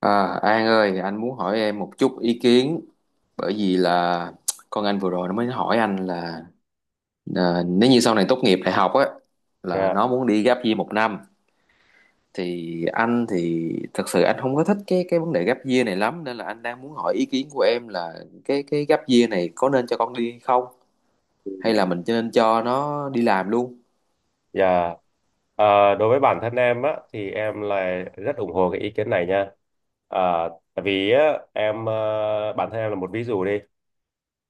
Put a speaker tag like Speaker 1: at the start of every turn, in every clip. Speaker 1: À, An ơi, anh muốn hỏi em một chút ý kiến bởi vì là con anh vừa rồi nó mới hỏi anh là nếu như sau này tốt nghiệp đại học á là
Speaker 2: Dạ.
Speaker 1: nó muốn đi gap year một năm. Thì anh thì thật sự anh không có thích cái vấn đề gap year này lắm nên là anh đang muốn hỏi ý kiến của em là cái gap year này có nên cho con đi không, hay là
Speaker 2: Ừ.
Speaker 1: mình nên cho nó đi làm luôn?
Speaker 2: Dạ. Ờ, Đối với bản thân em á thì em là rất ủng hộ cái ý kiến này nha. Ờ, Tại vì á, bản thân em là một ví dụ đi.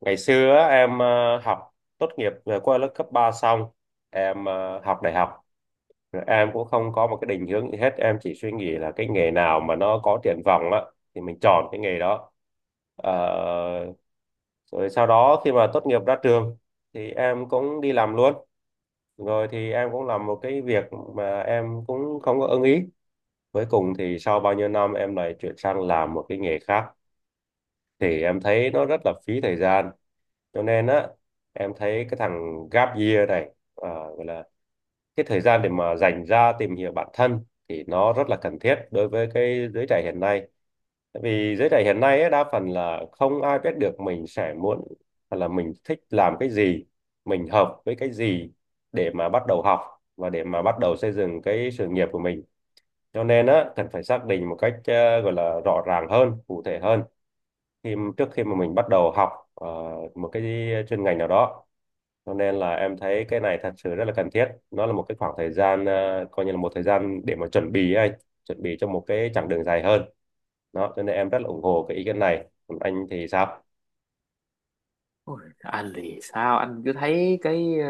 Speaker 2: Ngày xưa á, học tốt nghiệp qua lớp cấp 3 xong, học đại học. Rồi em cũng không có một cái định hướng gì hết, em chỉ suy nghĩ là cái nghề nào mà nó có triển vọng á thì mình chọn cái nghề đó. Ờ, Rồi sau đó khi mà tốt nghiệp ra trường thì em cũng đi làm luôn, rồi thì em cũng làm một cái việc mà em cũng không có ưng ý. Cuối cùng thì sau bao nhiêu năm em lại chuyển sang làm một cái nghề khác, thì em thấy nó rất là phí thời gian. Cho nên á, em thấy cái thằng gap year này, à, gọi là cái thời gian để mà dành ra tìm hiểu bản thân thì nó rất là cần thiết đối với cái giới trẻ hiện nay. Tại vì giới trẻ hiện nay ấy, đa phần là không ai biết được mình sẽ muốn hoặc là mình thích làm cái gì, mình hợp với cái gì để mà bắt đầu học và để mà bắt đầu xây dựng cái sự nghiệp của mình. Cho nên á, cần phải xác định một cách gọi là rõ ràng hơn, cụ thể hơn khi trước khi mà mình bắt đầu học ờ, một cái chuyên ngành nào đó. Cho nên là em thấy cái này thật sự rất là cần thiết, nó là một cái khoảng thời gian, coi như là một thời gian để mà chuẩn bị ấy anh, chuẩn bị cho một cái chặng đường dài hơn đó. Cho nên em rất là ủng hộ cái ý kiến này, còn anh thì sao?
Speaker 1: Ôi, anh thì sao anh cứ thấy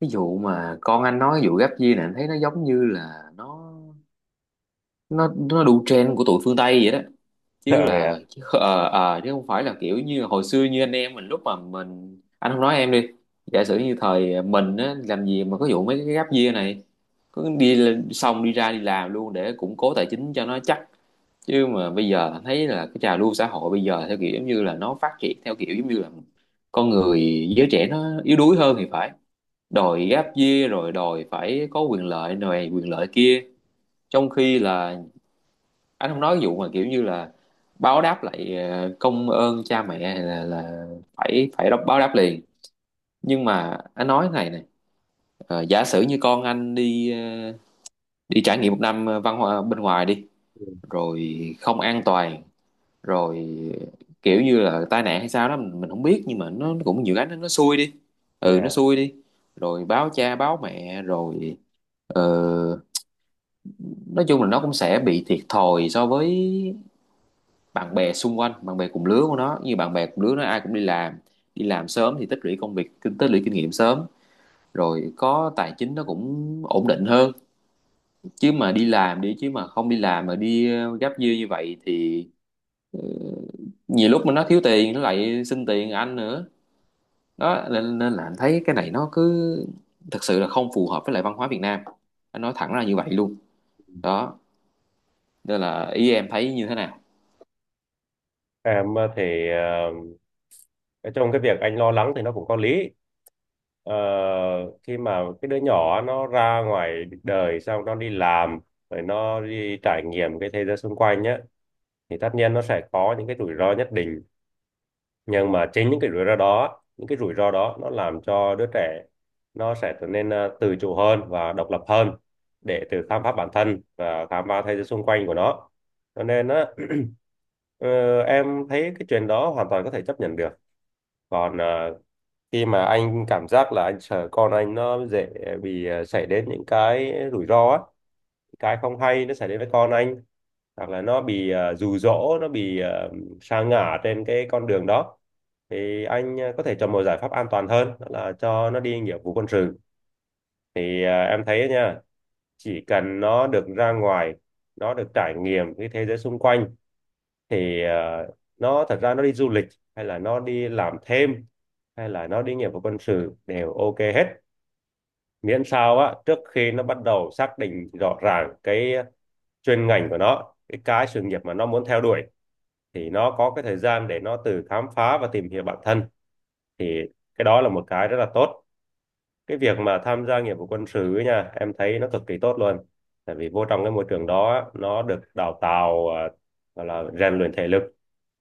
Speaker 1: cái vụ mà con anh nói cái vụ gap year này anh thấy nó giống như là nó đủ trend của tụi phương Tây vậy đó, chứ là chứ, ờ, ờ, ờ, chứ không phải là kiểu như hồi xưa như anh em mình lúc mà mình anh không nói em đi. Giả sử như thời mình á làm gì mà có vụ mấy cái gap year này, có xong đi ra đi làm luôn để củng cố tài chính cho nó chắc. Chứ mà bây giờ anh thấy là cái trào lưu xã hội bây giờ theo kiểu giống như là nó phát triển theo kiểu giống như là con người, giới trẻ nó yếu đuối hơn thì phải, đòi gap year rồi đòi phải có quyền lợi này quyền lợi kia, trong khi là anh không nói cái vụ mà kiểu như là báo đáp lại công ơn cha mẹ hay là phải phải báo đáp liền, nhưng mà anh nói cái này này. Giả sử như con anh đi đi trải nghiệm một năm văn hóa bên ngoài đi rồi không an toàn rồi kiểu như là tai nạn hay sao đó mình không biết, nhưng mà nó cũng nhiều cái, nó xui đi, ừ nó
Speaker 2: Yeah.
Speaker 1: xui đi rồi báo cha báo mẹ rồi. ờ, nói chung là nó cũng sẽ bị thiệt thòi so với bạn bè xung quanh, bạn bè cùng lứa của nó, như bạn bè cùng lứa nó ai cũng đi làm, đi làm sớm thì tích lũy công việc, tích lũy kinh nghiệm sớm, rồi có tài chính nó cũng ổn định hơn. Chứ mà đi làm đi, chứ mà không đi làm mà đi gắp dưa như vậy thì nhiều lúc mà nó thiếu tiền nó lại xin tiền anh nữa. Đó nên là anh thấy cái này nó cứ thật sự là không phù hợp với lại văn hóa Việt Nam, anh nói thẳng ra như vậy luôn đó. Nên là ý em thấy như thế nào?
Speaker 2: em ờ, thì ờ, Trong cái việc anh lo lắng thì nó cũng có lý. Ờ, Khi mà cái đứa nhỏ nó ra ngoài đời, xong nó đi làm rồi nó đi trải nghiệm cái thế giới xung quanh nhé, thì tất nhiên nó sẽ có những cái rủi ro nhất định. Nhưng mà chính những cái rủi ro đó, những cái rủi ro đó nó làm cho đứa trẻ nó sẽ trở nên tự chủ hơn và độc lập hơn, để tự khám phá bản thân và khám phá thế giới xung quanh của nó. Cho nên á, Ờ, em thấy cái chuyện đó hoàn toàn có thể chấp nhận được. Còn khi mà anh cảm giác là anh sợ con anh nó dễ bị xảy đến những cái rủi ro á, cái không hay nó xảy đến với con anh, hoặc là nó bị dụ dỗ, nó bị sa ngã trên cái con đường đó, thì anh có thể chọn một giải pháp an toàn hơn, đó là cho nó đi nghĩa vụ quân sự. Thì em thấy nha, chỉ cần nó được ra ngoài, nó được trải nghiệm cái thế giới xung quanh, thì nó thật ra nó đi du lịch hay là nó đi làm thêm hay là nó đi nghĩa vụ quân sự đều ok hết. Miễn sao á, trước khi nó bắt đầu xác định rõ ràng cái chuyên ngành của nó, cái sự nghiệp mà nó muốn theo đuổi, thì nó có cái thời gian để nó tự khám phá và tìm hiểu bản thân, thì cái đó là một cái rất là tốt. Cái việc mà tham gia nghĩa vụ quân sự ấy nha, em thấy nó cực kỳ tốt luôn. Tại vì vô trong cái môi trường đó á, nó được đào tạo, gọi là rèn luyện thể lực,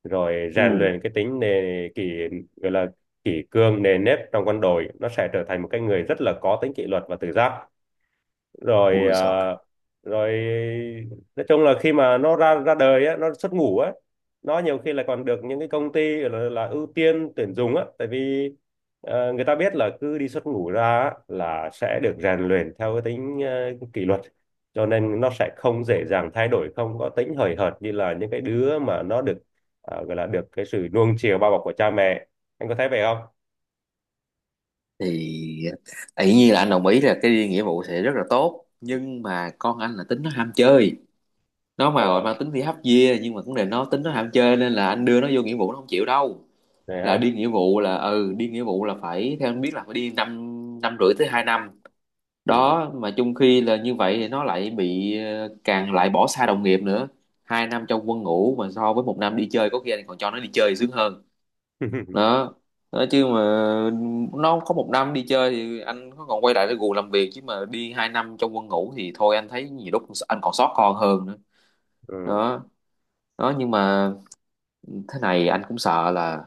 Speaker 2: rồi rèn
Speaker 1: Ừ.
Speaker 2: luyện cái tính nề kỷ, gọi là kỷ cương nề nếp trong quân đội, nó sẽ trở thành một cái người rất là có tính kỷ luật và tự giác. rồi
Speaker 1: Ui
Speaker 2: à,
Speaker 1: giời.
Speaker 2: Rồi nói chung là khi mà nó ra ra đời á, nó xuất ngũ á, nó nhiều khi là còn được những cái công ty là ưu tiên tuyển dụng á. Tại vì người ta biết là cứ đi xuất ngũ ra á là sẽ được rèn luyện theo cái tính kỷ luật, cho nên nó sẽ không dễ dàng thay đổi, không có tính hời hợt như là những cái đứa mà nó được gọi là được cái sự nuông chiều bao bọc của cha mẹ. Anh có thấy vậy không?
Speaker 1: Thì tự nhiên là anh đồng ý là cái đi nghĩa vụ sẽ rất là tốt, nhưng mà con anh là tính nó ham chơi, nó mà gọi
Speaker 2: Ờ,
Speaker 1: mang tính đi hấp dìa, nhưng mà cũng là nó tính nó ham chơi nên là anh đưa nó vô nghĩa vụ nó không chịu đâu.
Speaker 2: này
Speaker 1: Là
Speaker 2: ha.
Speaker 1: đi nghĩa vụ là, ừ, đi nghĩa vụ là phải theo anh biết là phải đi năm năm rưỡi tới 2 năm,
Speaker 2: Ừ.
Speaker 1: đó mà chung khi là như vậy thì nó lại bị càng lại bỏ xa đồng nghiệp nữa. 2 năm trong quân ngũ mà so với một năm đi chơi có khi anh còn cho nó đi chơi sướng hơn đó. Đó chứ mà nó có một năm đi chơi thì anh có còn quay lại để gù làm việc, chứ mà đi 2 năm trong quân ngũ thì thôi anh thấy nhiều lúc anh còn sót con hơn nữa.
Speaker 2: Ừ.
Speaker 1: Đó. Đó nhưng mà thế này, anh cũng sợ là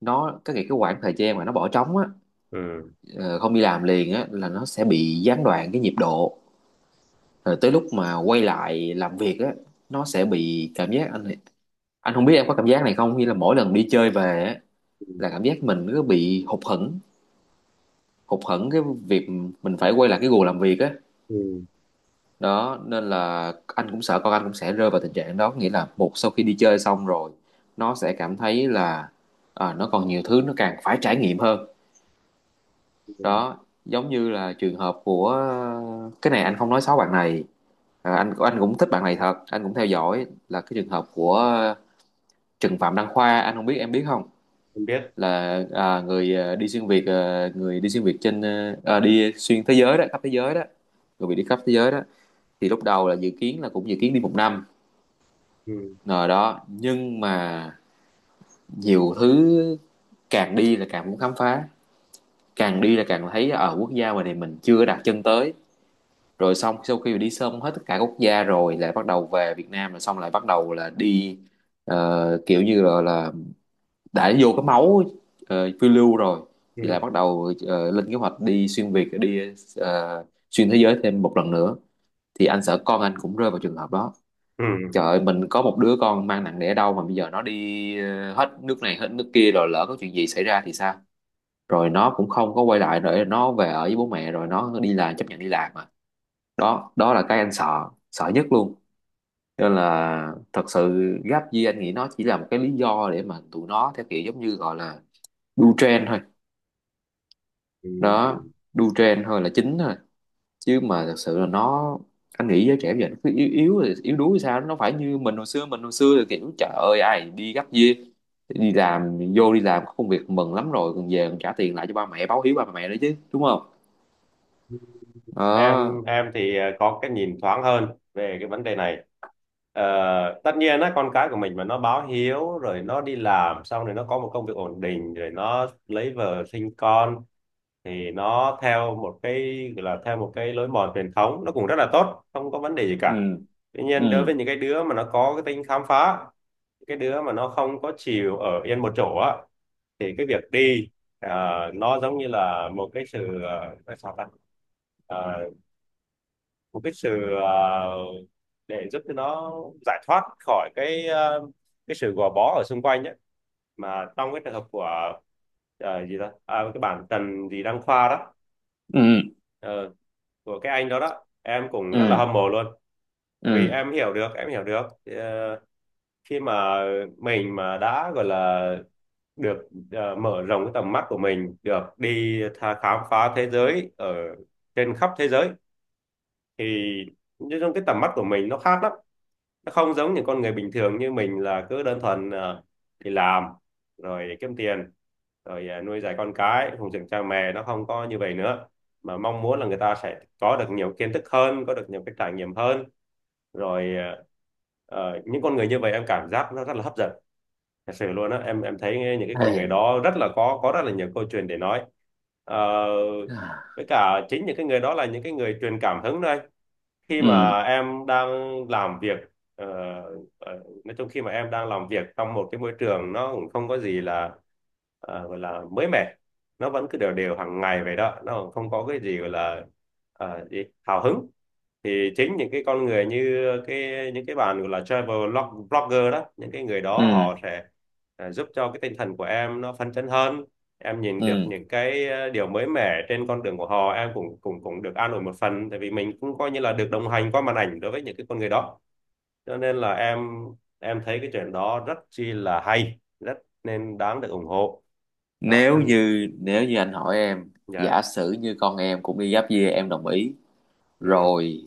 Speaker 1: nó cái khoảng thời gian mà nó bỏ trống á,
Speaker 2: Ừ.
Speaker 1: ờ, không đi làm liền á là nó sẽ bị gián đoạn cái nhịp độ, rồi tới lúc mà quay lại làm việc á nó sẽ bị cảm giác, anh không biết em có cảm giác này không, như là mỗi lần đi chơi về á là cảm giác mình cứ bị hụt hẫng, hụt hẫng cái việc mình phải quay lại cái guồng làm việc á.
Speaker 2: Ừ.
Speaker 1: Đó nên là anh cũng sợ con anh cũng sẽ rơi vào tình trạng đó, nghĩa là một sau khi đi chơi xong rồi nó sẽ cảm thấy là nó còn nhiều thứ nó càng phải trải nghiệm hơn.
Speaker 2: Ừ.
Speaker 1: Đó, giống như là trường hợp của, cái này anh không nói xấu bạn này, anh cũng thích bạn này thật, anh cũng theo dõi là cái trường hợp của Trần Phạm Đăng Khoa, anh không biết em biết không.
Speaker 2: Em biết.
Speaker 1: Là người đi xuyên Việt, người đi xuyên Việt trên đi xuyên thế giới đó, khắp thế giới đó, người bị đi khắp thế giới đó, thì lúc đầu là dự kiến là cũng dự kiến đi một năm
Speaker 2: Ừ.
Speaker 1: rồi đó. Nhưng mà nhiều thứ, càng đi là càng muốn khám phá, càng đi là càng thấy ở quốc gia ngoài này mình chưa đặt chân tới, rồi xong sau khi đi xong hết tất cả quốc gia rồi lại bắt đầu về Việt Nam, rồi xong lại bắt đầu là đi kiểu như là đã vô cái máu phiêu lưu rồi, thì
Speaker 2: Ừ.
Speaker 1: lại bắt đầu lên kế hoạch đi xuyên Việt đi, ờ, xuyên thế giới thêm một lần nữa. Thì anh sợ con anh cũng rơi vào trường hợp đó.
Speaker 2: Ừ.
Speaker 1: Trời ơi, mình có một đứa con mang nặng đẻ đau mà bây giờ nó đi hết nước này hết nước kia, rồi lỡ có chuyện gì xảy ra thì sao? Rồi nó cũng không có quay lại, rồi nó về ở với bố mẹ rồi nó đi làm, chấp nhận đi làm mà. Đó, đó là cái anh sợ, sợ nhất luôn. Nên là thật sự gap year anh nghĩ nó chỉ là một cái lý do để mà tụi nó theo kiểu giống như gọi là đu trend thôi.
Speaker 2: Ừ.
Speaker 1: Đó, đu trend thôi là chính thôi. Chứ mà thật sự là nó, anh nghĩ giới trẻ bây giờ nó cứ yếu yếu yếu đuối sao, nó phải như mình hồi xưa, mình hồi xưa là kiểu trời ơi ai đi gấp year, đi làm vô, đi làm có công việc mừng lắm rồi, còn về còn trả tiền lại cho ba mẹ, báo hiếu ba mẹ nữa chứ, đúng không? Đó.
Speaker 2: Em thì có cái nhìn thoáng hơn về cái vấn đề này. Ờ, tất nhiên á, con cái của mình mà nó báo hiếu rồi nó đi làm xong rồi nó có một công việc ổn định rồi nó lấy vợ sinh con, thì nó theo một cái gọi là theo một cái lối mòn truyền thống, nó cũng rất là tốt, không có vấn đề gì
Speaker 1: Ừ,
Speaker 2: cả. Tuy
Speaker 1: ừ,
Speaker 2: nhiên, đối với những cái đứa mà nó có cái tính khám phá, cái đứa mà nó không có chịu ở yên một chỗ á, thì cái việc đi ờ, nó giống như là một cái sự nói sao ta, Ờ, một cái sự để giúp cho nó giải thoát khỏi cái sự gò bó ở xung quanh ấy. Mà trong cái trường hợp của gì đó, cái bản Trần gì Đăng Khoa đó,
Speaker 1: ừ,
Speaker 2: ờ, của cái anh đó đó, em cũng rất là
Speaker 1: ừ,
Speaker 2: hâm mộ luôn. Tại vì
Speaker 1: ừ.
Speaker 2: em hiểu được, em hiểu được khi mà mình mà đã gọi là được mở rộng cái tầm mắt của mình, được đi tha khám phá thế giới ở trên khắp thế giới, thì nói chung cái tầm mắt của mình nó khác lắm. Nó không giống những con người bình thường như mình là cứ đơn thuần đi làm, rồi kiếm tiền, rồi nuôi dạy con cái, phụng dưỡng cha mẹ. Nó không có như vậy nữa, mà mong muốn là người ta sẽ có được nhiều kiến thức hơn, có được nhiều cái trải nghiệm hơn. rồi ờ, những con người như vậy em cảm giác nó rất là hấp dẫn. Thật sự luôn á, em thấy những cái con người
Speaker 1: Hey.
Speaker 2: đó rất là có rất là nhiều câu chuyện để nói. Ờ, với cả chính những cái người đó là những cái người truyền cảm hứng đây. Khi
Speaker 1: Ừ,
Speaker 2: mà em đang làm việc, ờ, nói chung khi mà em đang làm việc trong một cái môi trường nó cũng không có gì là gọi là mới mẻ, nó vẫn cứ đều đều hàng ngày vậy đó, nó không có cái gì gọi là ờ, gì? Hào hứng, thì chính những cái con người như cái những cái bạn gọi là blogger đó, những cái người
Speaker 1: ừ,
Speaker 2: đó họ sẽ giúp cho cái tinh thần của em nó phấn chấn hơn. Em nhìn được
Speaker 1: ừ.
Speaker 2: những cái điều mới mẻ trên con đường của họ, em cũng cũng cũng được an ủi một phần, tại vì mình cũng coi như là được đồng hành qua màn ảnh đối với những cái con người đó. Cho nên là em thấy cái chuyện đó rất chi là hay, rất nên đáng được ủng hộ. Đó,
Speaker 1: nếu
Speaker 2: chân.
Speaker 1: như nếu như anh hỏi em,
Speaker 2: Dạ.
Speaker 1: giả sử như con em cũng đi giáp kia em đồng ý,
Speaker 2: Ừ.
Speaker 1: rồi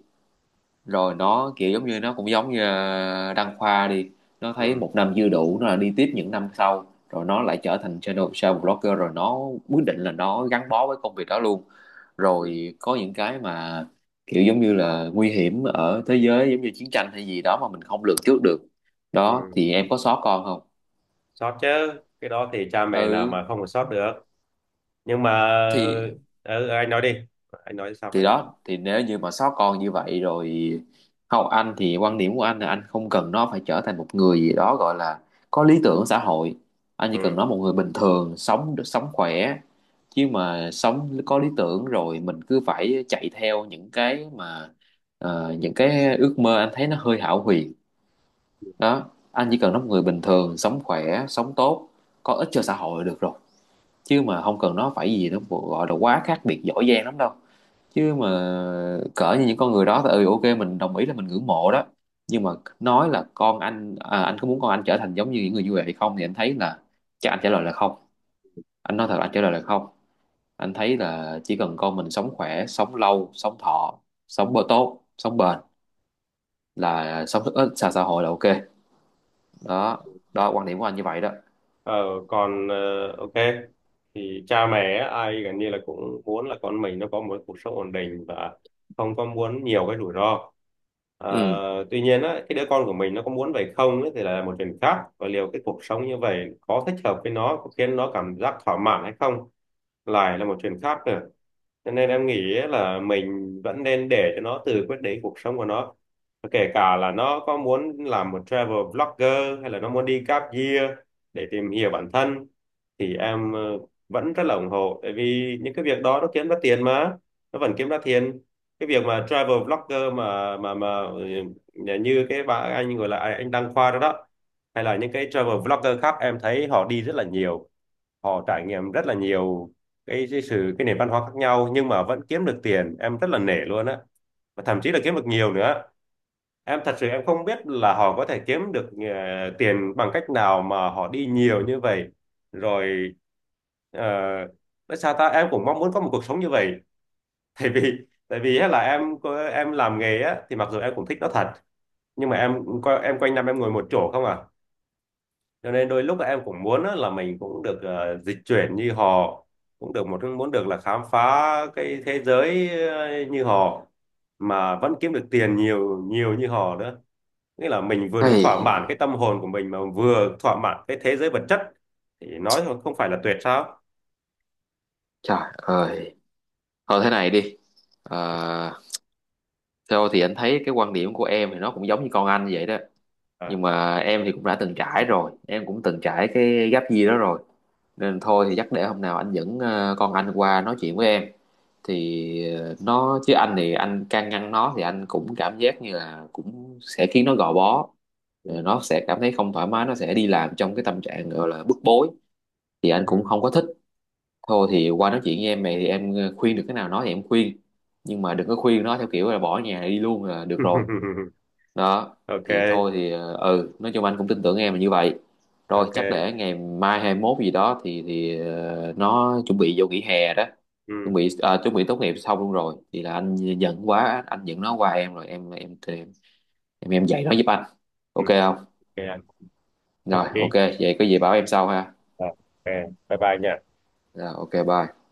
Speaker 1: rồi nó kiểu giống như, nó cũng giống như Đăng Khoa đi, nó thấy
Speaker 2: ừ,
Speaker 1: một năm dư đủ nó là đi tiếp những năm sau, rồi nó lại trở thành channel travel blogger, rồi nó quyết định là nó gắn bó với công việc đó luôn,
Speaker 2: ừ,
Speaker 1: rồi có những cái mà kiểu giống như là nguy hiểm ở thế giới, giống như chiến tranh hay gì đó mà mình không lường trước được, đó
Speaker 2: ừ.
Speaker 1: thì em có sót con không?
Speaker 2: Sót chứ, cái đó thì cha mẹ nào
Speaker 1: Ừ.
Speaker 2: mà không có sót được. Nhưng mà
Speaker 1: thì
Speaker 2: ừ, anh nói đi, anh nói xong
Speaker 1: thì
Speaker 2: này.
Speaker 1: đó, thì nếu như mà sót con như vậy rồi, không, anh thì quan điểm của anh là anh không cần nó phải trở thành một người gì đó gọi là có lý tưởng xã hội, anh chỉ cần
Speaker 2: Ừ.
Speaker 1: nó một người bình thường sống sống khỏe. Chứ mà sống có lý tưởng rồi mình cứ phải chạy theo những cái mà những cái ước mơ anh thấy nó hơi hão huyền. Đó, anh chỉ cần nó một người bình thường, sống khỏe sống tốt, có ích cho xã hội là được rồi, chứ mà không cần nó phải gì, nó gọi là quá khác biệt giỏi giang lắm đâu. Chứ mà cỡ như những con người đó thì, ừ, ok mình đồng ý là mình ngưỡng mộ đó, nhưng mà nói là con anh, anh có muốn con anh trở thành giống như những người như vậy hay không, thì anh thấy là chắc anh trả lời là không. Anh nói thật là anh trả lời là không. Anh thấy là chỉ cần con mình sống khỏe sống lâu sống thọ, sống bơ tốt sống bền, là sống rất ít xa xã hội là ok. Đó, đó quan điểm của anh như vậy đó.
Speaker 2: Ờ, còn ok, thì cha mẹ á, ai gần như là cũng muốn là con mình nó có một cuộc sống ổn định và không có muốn nhiều cái rủi ro. Ờ,
Speaker 1: Ừ.
Speaker 2: tuy nhiên á, cái đứa con của mình nó có muốn vậy không ấy, thì là một chuyện khác, và liệu cái cuộc sống như vậy có thích hợp với nó, có khiến nó cảm giác thỏa mãn hay không lại là một chuyện khác nữa. Cho nên em nghĩ là mình vẫn nên để cho nó tự quyết định cuộc sống của nó. Và kể cả là nó có muốn làm một travel vlogger hay là nó muốn đi gap year để tìm hiểu bản thân, thì em vẫn rất là ủng hộ, tại vì những cái việc đó nó kiếm ra tiền mà, nó vẫn kiếm ra tiền. Cái việc mà travel vlogger mà mà ừ, như cái bà anh gọi là anh Đăng Khoa đó đó, hay là những cái travel vlogger khác, em thấy họ đi rất là nhiều, họ trải nghiệm rất là nhiều cái sự, cái nền văn hóa khác nhau, nhưng mà vẫn kiếm được tiền, em rất là nể luôn á, và thậm chí là kiếm được nhiều nữa. Em thật sự em không biết là họ có thể kiếm được tiền bằng cách nào mà họ đi nhiều như vậy. Rồi ờ, nói sao ta, em cũng mong muốn có một cuộc sống như vậy. Tại vì tại vì á là em làm nghề á thì mặc dù em cũng thích nó thật, nhưng mà em quanh năm em ngồi một chỗ không à. Cho nên đôi lúc em cũng muốn á, là mình cũng được dịch chuyển như họ, cũng được một muốn được là khám phá cái thế giới như họ, mà vẫn kiếm được tiền nhiều nhiều như họ nữa. Nghĩa là mình vừa được thỏa mãn
Speaker 1: Hey,
Speaker 2: cái tâm hồn của mình mà vừa thỏa mãn cái thế giới vật chất, thì nói thôi, không phải là tuyệt sao?
Speaker 1: trời ơi. Thôi thế này đi. Ờ, theo thì anh thấy cái quan điểm của em thì nó cũng giống như con anh vậy đó,
Speaker 2: À.
Speaker 1: nhưng mà em thì cũng đã từng trải rồi, em cũng từng trải cái gap year đó rồi, nên thôi thì chắc để hôm nào anh dẫn con anh qua nói chuyện với em, thì nó, chứ anh thì anh can ngăn nó thì anh cũng cảm giác như là cũng sẽ khiến nó gò bó.
Speaker 2: Ừ.
Speaker 1: Rồi nó sẽ cảm thấy không thoải mái, nó sẽ đi làm trong cái tâm trạng gọi là bức bối, thì anh cũng
Speaker 2: Ừ.
Speaker 1: không có thích. Thôi thì qua nói chuyện với em này thì em khuyên được cái nào nói thì em khuyên, nhưng mà đừng có khuyên nó theo kiểu là bỏ nhà đi luôn là được rồi. Đó thì thôi
Speaker 2: Ok.
Speaker 1: thì ừ, nói chung anh cũng tin tưởng em là như vậy, rồi chắc
Speaker 2: Ok.
Speaker 1: để ngày mai 21 gì đó thì nó chuẩn bị vô nghỉ hè đó. Chuẩn
Speaker 2: Ừ.
Speaker 1: bị chuẩn bị tốt nghiệp xong luôn rồi, thì là anh giận quá, anh giận nó qua em rồi, em dạy nó giúp anh,
Speaker 2: Ừ.
Speaker 1: ok không?
Speaker 2: Ok anh. Nhất
Speaker 1: Rồi ok
Speaker 2: trí.
Speaker 1: vậy có gì bảo em sau ha.
Speaker 2: Ờ, ok, bye bye nha.
Speaker 1: Rồi ok bye.